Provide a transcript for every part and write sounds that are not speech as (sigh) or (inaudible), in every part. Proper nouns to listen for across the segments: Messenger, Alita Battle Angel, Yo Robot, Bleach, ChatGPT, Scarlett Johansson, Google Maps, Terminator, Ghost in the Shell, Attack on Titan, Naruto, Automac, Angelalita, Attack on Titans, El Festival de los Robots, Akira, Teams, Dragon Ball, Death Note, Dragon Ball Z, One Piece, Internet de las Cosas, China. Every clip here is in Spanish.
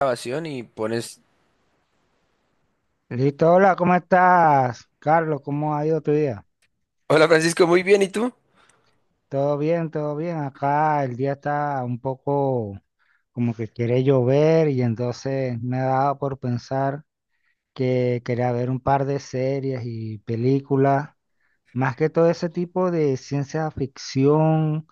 Grabación y pones. Listo, hola, ¿cómo estás, Carlos? ¿Cómo ha ido tu día? Hola, Francisco, muy bien, ¿y tú? Todo bien, todo bien. Acá el día está un poco como que quiere llover y entonces me ha dado por pensar que quería ver un par de series y películas. Más que todo ese tipo de ciencia ficción,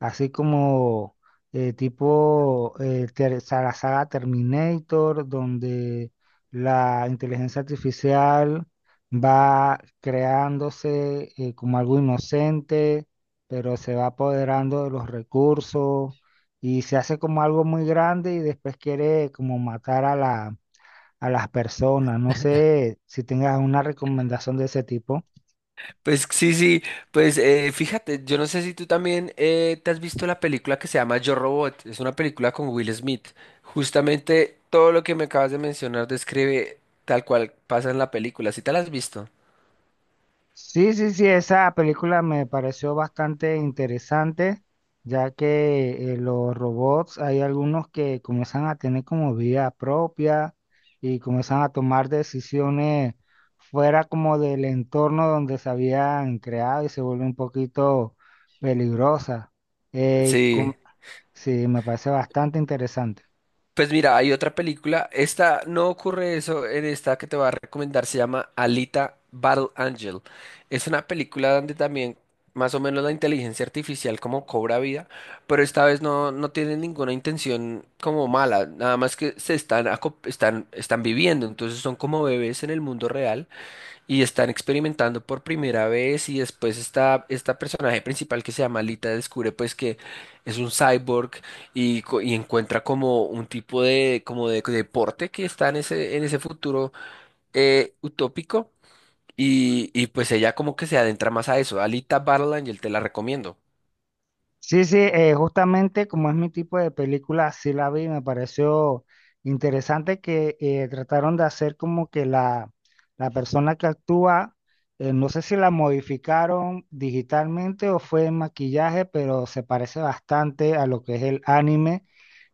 así como tipo la saga Terminator, donde la inteligencia artificial va creándose como algo inocente, pero se va apoderando de los recursos y se hace como algo muy grande y después quiere como matar a a las personas. No (laughs) sé si tengas una recomendación de ese tipo. Pues sí, sí, pues fíjate, yo no sé si tú también te has visto la película que se llama Yo Robot. Es una película con Will Smith. Justamente todo lo que me acabas de mencionar describe tal cual pasa en la película, ¿sí te la has visto? Sí, sí, sí, esa película me pareció bastante interesante, ya que los robots hay algunos que comienzan a tener como vida propia y comienzan a tomar decisiones fuera como del entorno donde se habían creado y se vuelve un poquito peligrosa. Eh, com- Sí. sí, me parece bastante interesante. Pues mira, hay otra película. Esta no ocurre eso en esta que te voy a recomendar. Se llama Alita Battle Angel. Es una película donde también más o menos la inteligencia artificial como cobra vida, pero esta vez no, tiene ninguna intención como mala. Nada más que se están, están viviendo. Entonces son como bebés en el mundo real y están experimentando por primera vez. Y después está esta personaje principal que se llama Lita, descubre pues que es un cyborg y encuentra como un tipo de, como de deporte que está en ese futuro utópico. Y pues ella como que se adentra más a eso. Alita Battle Angel, te la recomiendo. Sí, sí, justamente como es mi tipo de película, sí la vi, me pareció interesante que trataron de hacer como que la persona que actúa. No sé si la modificaron digitalmente o fue en maquillaje, pero se parece bastante a lo que es el anime.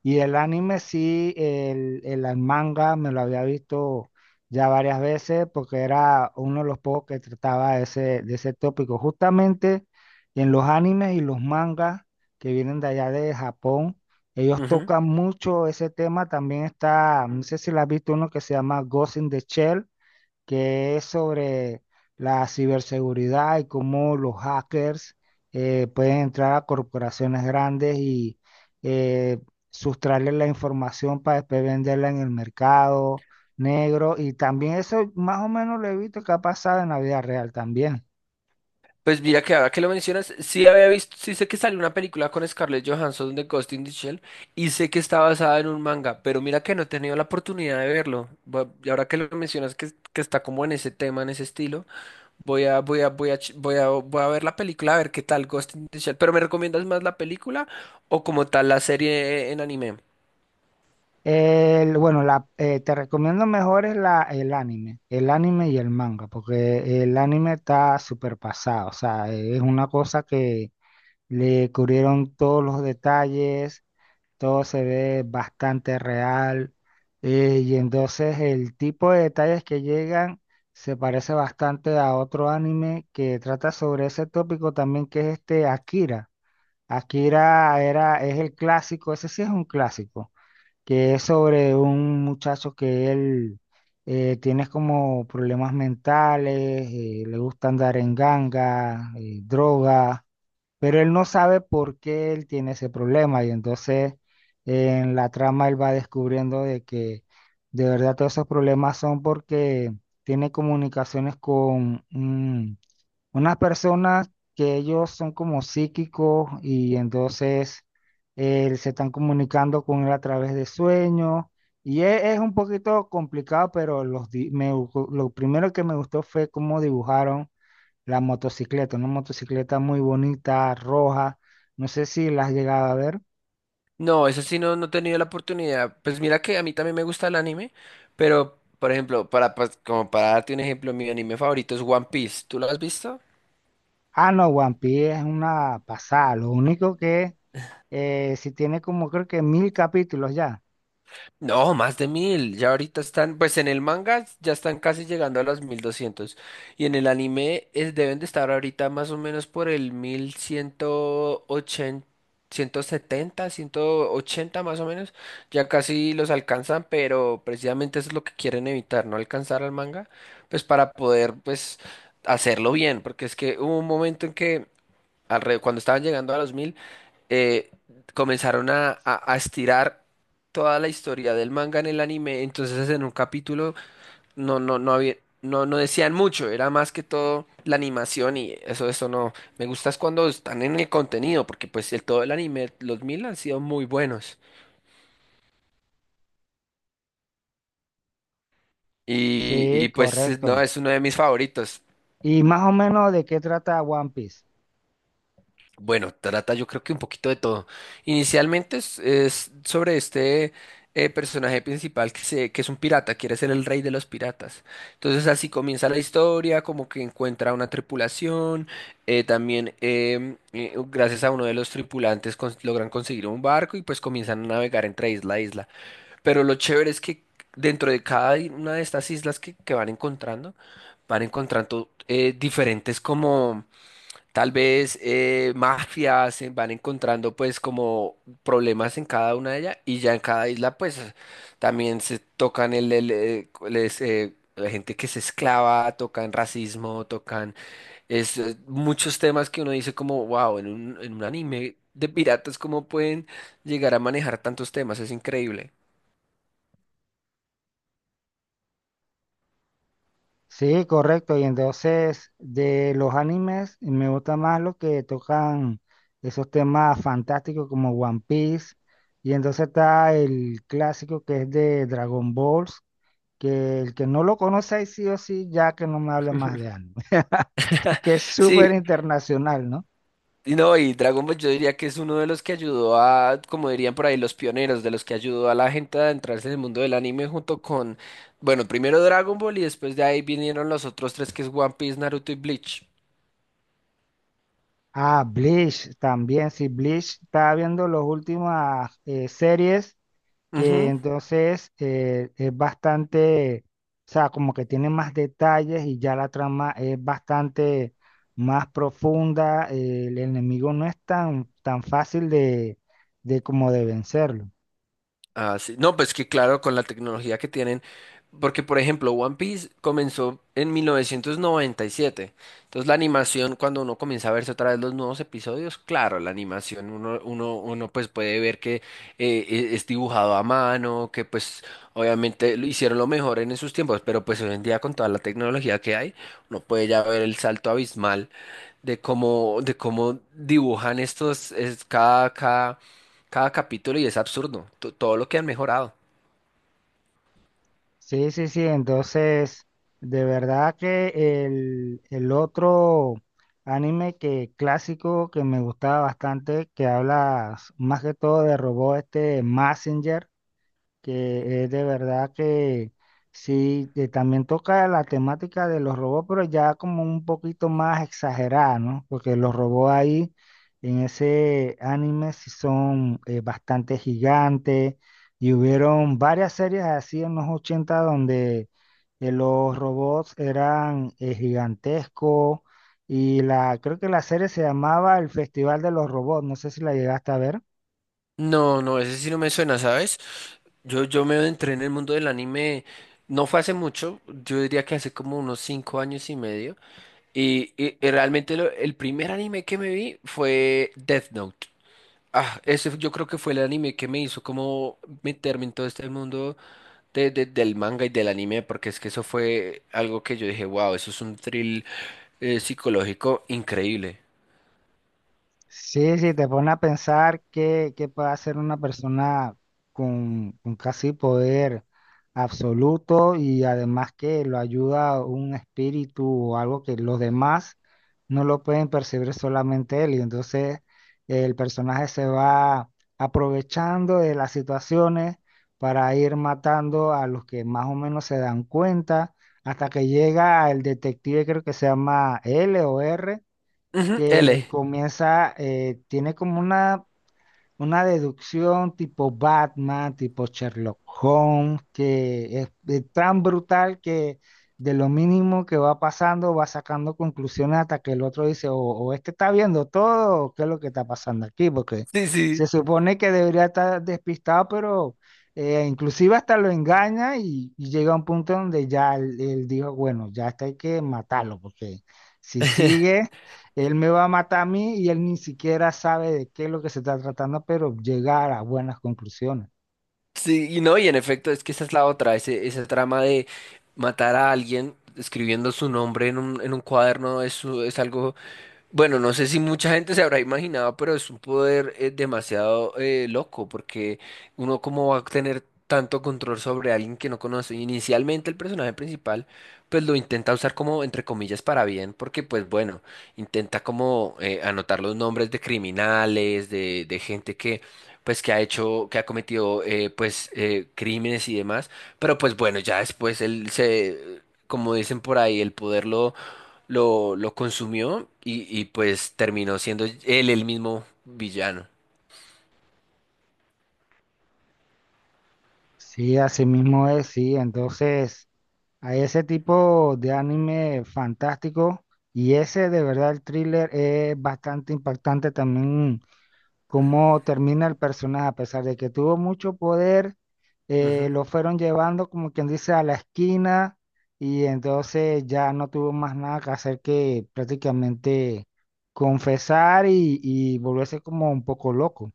Y el anime sí, el manga me lo había visto ya varias veces porque era uno de los pocos que trataba de ese tópico. Justamente. Y en los animes y los mangas que vienen de allá de Japón, ellos tocan mucho ese tema. También está, no sé si la has visto uno que se llama Ghost in the Shell, que es sobre la ciberseguridad y cómo los hackers pueden entrar a corporaciones grandes y eh, sustraerles la información para después venderla en el mercado negro. Y también eso más o menos lo he visto que ha pasado en la vida real también. Pues mira que ahora que lo mencionas, sí había visto, sí sé que salió una película con Scarlett Johansson de Ghost in the Shell, y sé que está basada en un manga, pero mira que no he tenido la oportunidad de verlo. Y ahora que lo mencionas que está como en ese tema, en ese estilo, voy a ver la película a ver qué tal Ghost in the Shell. Pero ¿me recomiendas más la película o como tal la serie en anime? Bueno, te recomiendo mejor es el anime y el manga, porque el anime está súper pasado, o sea, es una cosa que le cubrieron todos los detalles, todo se ve bastante real, y entonces el tipo de detalles que llegan se parece bastante a otro anime que trata sobre ese tópico también, que es este Akira. Akira es el clásico, ese sí es un clásico que es sobre un muchacho que él tiene como problemas mentales, le gusta andar en ganga, droga, pero él no sabe por qué él tiene ese problema y entonces en la trama él va descubriendo de que de verdad todos esos problemas son porque tiene comunicaciones con, unas personas que ellos son como psíquicos y entonces se están comunicando con él a través de sueños y es, un poquito complicado, pero los, di- me gu- lo primero que me gustó fue cómo dibujaron la motocicleta, una motocicleta muy bonita, roja, no sé si la has llegado a ver. No, eso sí no, he tenido la oportunidad. Pues mira que a mí también me gusta el anime, pero por ejemplo, como para darte un ejemplo, mi anime favorito es One Piece. ¿Tú lo has visto? Ah, no, One Piece es una pasada, lo único que si tiene como creo que 1.000 capítulos ya. No, más de mil. Ya ahorita están, pues en el manga ya están casi llegando a los 1.200. Y en el anime es, deben de estar ahorita más o menos por el mil ciento ochenta, ciento setenta, ciento ochenta más o menos. Ya casi los alcanzan, pero precisamente eso es lo que quieren evitar, no alcanzar al manga, pues para poder pues hacerlo bien, porque es que hubo un momento en que cuando estaban llegando a los mil. eh, Comenzaron a estirar toda la historia del manga en el anime. Entonces, en un capítulo no había, no decían mucho, era más que todo la animación, y eso no. Me gusta es cuando están en el contenido, porque pues todo el anime, los mil han sido muy buenos. Y, Sí, y pues correcto. no, es uno de mis favoritos. Y más o menos, ¿de qué trata One Piece? Bueno, trata yo creo que un poquito de todo. Inicialmente es sobre este personaje principal que es un pirata, quiere ser el rey de los piratas. Entonces así comienza la historia, como que encuentra una tripulación, también gracias a uno de los tripulantes logran conseguir un barco y pues comienzan a navegar entre isla a isla. Pero lo chévere es que dentro de una de estas islas que van encontrando diferentes, como tal vez mafias se van encontrando pues como problemas en cada una de ellas. Y ya en cada isla pues también se tocan la gente que se esclava, tocan racismo, tocan muchos temas que uno dice como wow, en un, anime de piratas cómo pueden llegar a manejar tantos temas, es increíble. Sí, correcto. Y entonces de los animes me gusta más lo que tocan esos temas fantásticos como One Piece. Y entonces está el clásico que es de Dragon Balls, que el que no lo conoce ahí sí o sí, ya que no me hable más de anime. (laughs) Porque es Sí, súper internacional, ¿no? y no, y Dragon Ball yo diría que es uno de los que ayudó a, como dirían por ahí, los pioneros, de los que ayudó a la gente a adentrarse en el mundo del anime junto con, bueno, primero Dragon Ball, y después de ahí vinieron los otros tres, que es One Piece, Naruto y Bleach. Ah, Bleach también. Sí, Bleach estaba viendo las últimas series que Ujú. entonces es bastante, o sea, como que tiene más detalles y ya la trama es bastante más profunda, el enemigo no es tan, tan fácil de, como de vencerlo. Ah, sí. No, pues que claro, con la tecnología que tienen, porque por ejemplo, One Piece comenzó en 1997. Entonces la animación, cuando uno comienza a verse otra vez los nuevos episodios, claro, la animación, uno pues puede ver que es dibujado a mano, que pues obviamente lo hicieron lo mejor en esos tiempos, pero pues hoy en día con toda la tecnología que hay, uno puede ya ver el salto abismal de cómo, dibujan estos, es, cada, cada, cada capítulo, y es absurdo todo lo que han mejorado. Sí, sí, sí, entonces, de verdad que el otro anime que clásico que me gustaba bastante, que habla más que todo de robot, este Messenger. Que es de verdad que sí, que también toca la temática de los robots, pero ya como un poquito más exagerada, ¿no? Porque los robots ahí en ese anime sí son bastante gigantes y hubieron varias series así en los 80 donde los robots eran gigantescos y creo que la serie se llamaba El Festival de los Robots, no sé si la llegaste a ver. No, no, ese sí no me suena, ¿sabes? Yo me entré en el mundo del anime, no fue hace mucho, yo diría que hace como unos 5 años y medio, y, y realmente el primer anime que me vi fue Death Note. Ah, ese yo creo que fue el anime que me hizo como meterme en todo este mundo del manga y del anime, porque es que eso fue algo que yo dije, wow, eso es un thrill psicológico increíble. Sí, sí, te pone a pensar qué puede hacer una persona con casi poder absoluto y además que lo ayuda un espíritu o algo que los demás no lo pueden percibir solamente él. Y entonces el personaje se va aprovechando de las situaciones para ir matando a los que más o menos se dan cuenta hasta que llega el detective, creo que se llama L o R Ujú, que L. comienza, tiene como una deducción tipo Batman, tipo Sherlock Holmes, que es tan brutal que de lo mínimo que va pasando va sacando conclusiones hasta que el otro dice, o este está viendo todo, o qué es lo que está pasando aquí, porque Sí, se sí. supone que debería estar despistado, pero. Inclusive hasta lo engaña y llega a un punto donde ya él dijo, bueno, ya hasta hay que matarlo, porque si (laughs) sigue, él me va a matar a mí y él ni siquiera sabe de qué es lo que se está tratando, pero llegar a buenas conclusiones. Sí, y no, y en efecto, es que esa es la otra, ese trama de matar a alguien escribiendo su nombre en un cuaderno es algo. Bueno, no sé si mucha gente se habrá imaginado, pero es un poder demasiado loco, porque uno cómo va a tener tanto control sobre alguien que no conoce. Inicialmente, el personaje principal pues lo intenta usar como, entre comillas, para bien, porque pues bueno, intenta como anotar los nombres de criminales, de gente que pues que ha hecho, que ha cometido pues crímenes y demás, pero pues bueno, ya después él se, como dicen por ahí, el poder lo consumió, y pues terminó siendo él el mismo villano. Sí, así mismo es, sí. Entonces, hay ese tipo de anime fantástico y ese de verdad el thriller es bastante impactante también cómo termina el personaje, a pesar de que tuvo mucho poder, Ujú. lo fueron llevando como quien dice a la esquina y entonces ya no tuvo más nada que hacer que prácticamente confesar y volverse como un poco loco.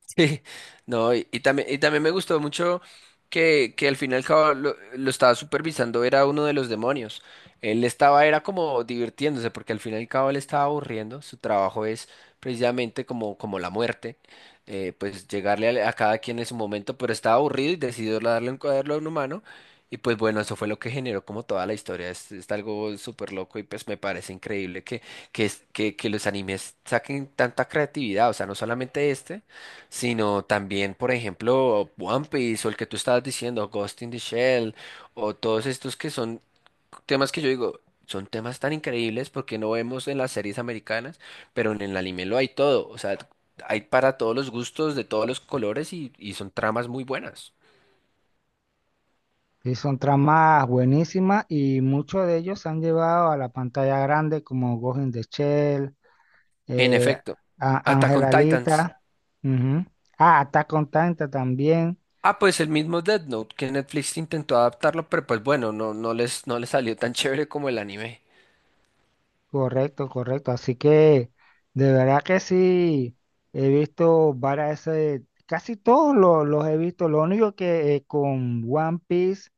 Sí, no, y también me gustó mucho que al final y al cabo lo estaba supervisando, era uno de los demonios. Él estaba, era como divirtiéndose, porque al final y al cabo él estaba aburriendo. Su trabajo es precisamente como la muerte, pues llegarle a cada quien en su momento, pero estaba aburrido y decidió darle un cuaderno a un humano. Y pues bueno, eso fue lo que generó como toda la historia. Es algo súper loco, y pues me parece increíble que los animes saquen tanta creatividad. O sea, no solamente este, sino también, por ejemplo, One Piece, o el que tú estabas diciendo, Ghost in the Shell, o todos estos que son temas que yo digo, son temas tan increíbles porque no vemos en las series americanas, pero en el anime lo hay todo. O sea, hay para todos los gustos, de todos los colores, y son tramas muy buenas. Y son tramas buenísimas y muchos de ellos se han llevado a la pantalla grande como Ghost in the Shell, En eh, efecto, Attack on Titans. Angelalita, ujú. Ah, Attack on Titan también. Ah, pues el mismo Death Note que Netflix intentó adaptarlo, pero pues bueno, no, no les salió tan (laughs) chévere como el anime. Correcto, correcto. Así que de verdad que sí, he visto varias, casi todos los, he visto. Lo único que con One Piece,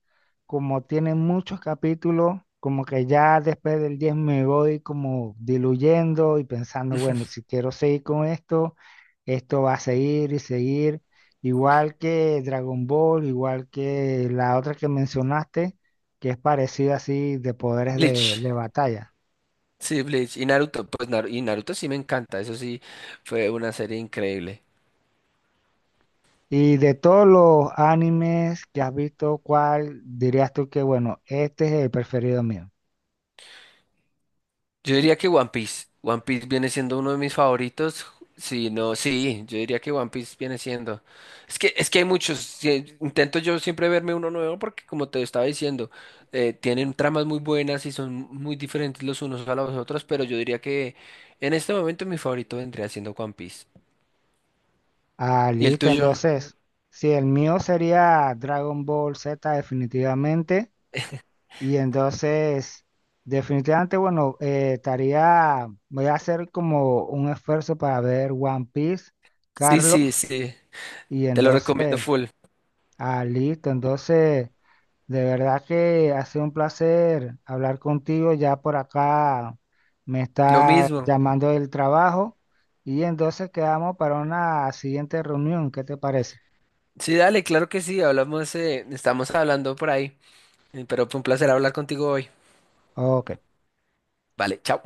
como tiene muchos capítulos, como que ya después del 10 me voy como diluyendo y pensando, bueno, si quiero seguir con esto, esto va a seguir y seguir. Igual que Dragon Ball, igual que la otra que mencionaste, que es parecida así de poderes de Bleach. de batalla. Sí, Bleach y Naruto, pues y Naruto sí me encanta, eso sí fue una serie increíble. Y de todos los animes que has visto, ¿cuál dirías tú que, bueno, este es el preferido mío? Yo diría que One Piece, One Piece viene siendo uno de mis favoritos, si no, sí, yo diría que One Piece viene siendo. Es que hay muchos, sí, intento yo siempre verme uno nuevo porque como te estaba diciendo, tienen tramas muy buenas y son muy diferentes los unos a los otros, pero yo diría que en este momento mi favorito vendría siendo One Piece. Ah, ¿Y el listo, tuyo? entonces, sí, el mío sería Dragon Ball Z definitivamente. Y entonces, definitivamente, bueno, voy a hacer como un esfuerzo para ver One Piece, Sí, Carlos. sí, sí, Y te lo recomiendo entonces, full. ah, listo, entonces. De verdad que ha sido un placer hablar contigo. Ya por acá me Lo está mismo. llamando del trabajo y entonces quedamos para una siguiente reunión. ¿Qué te parece? Sí, dale, claro que sí, hablamos, estamos hablando por ahí, pero fue un placer hablar contigo hoy. Ok. Vale, chao.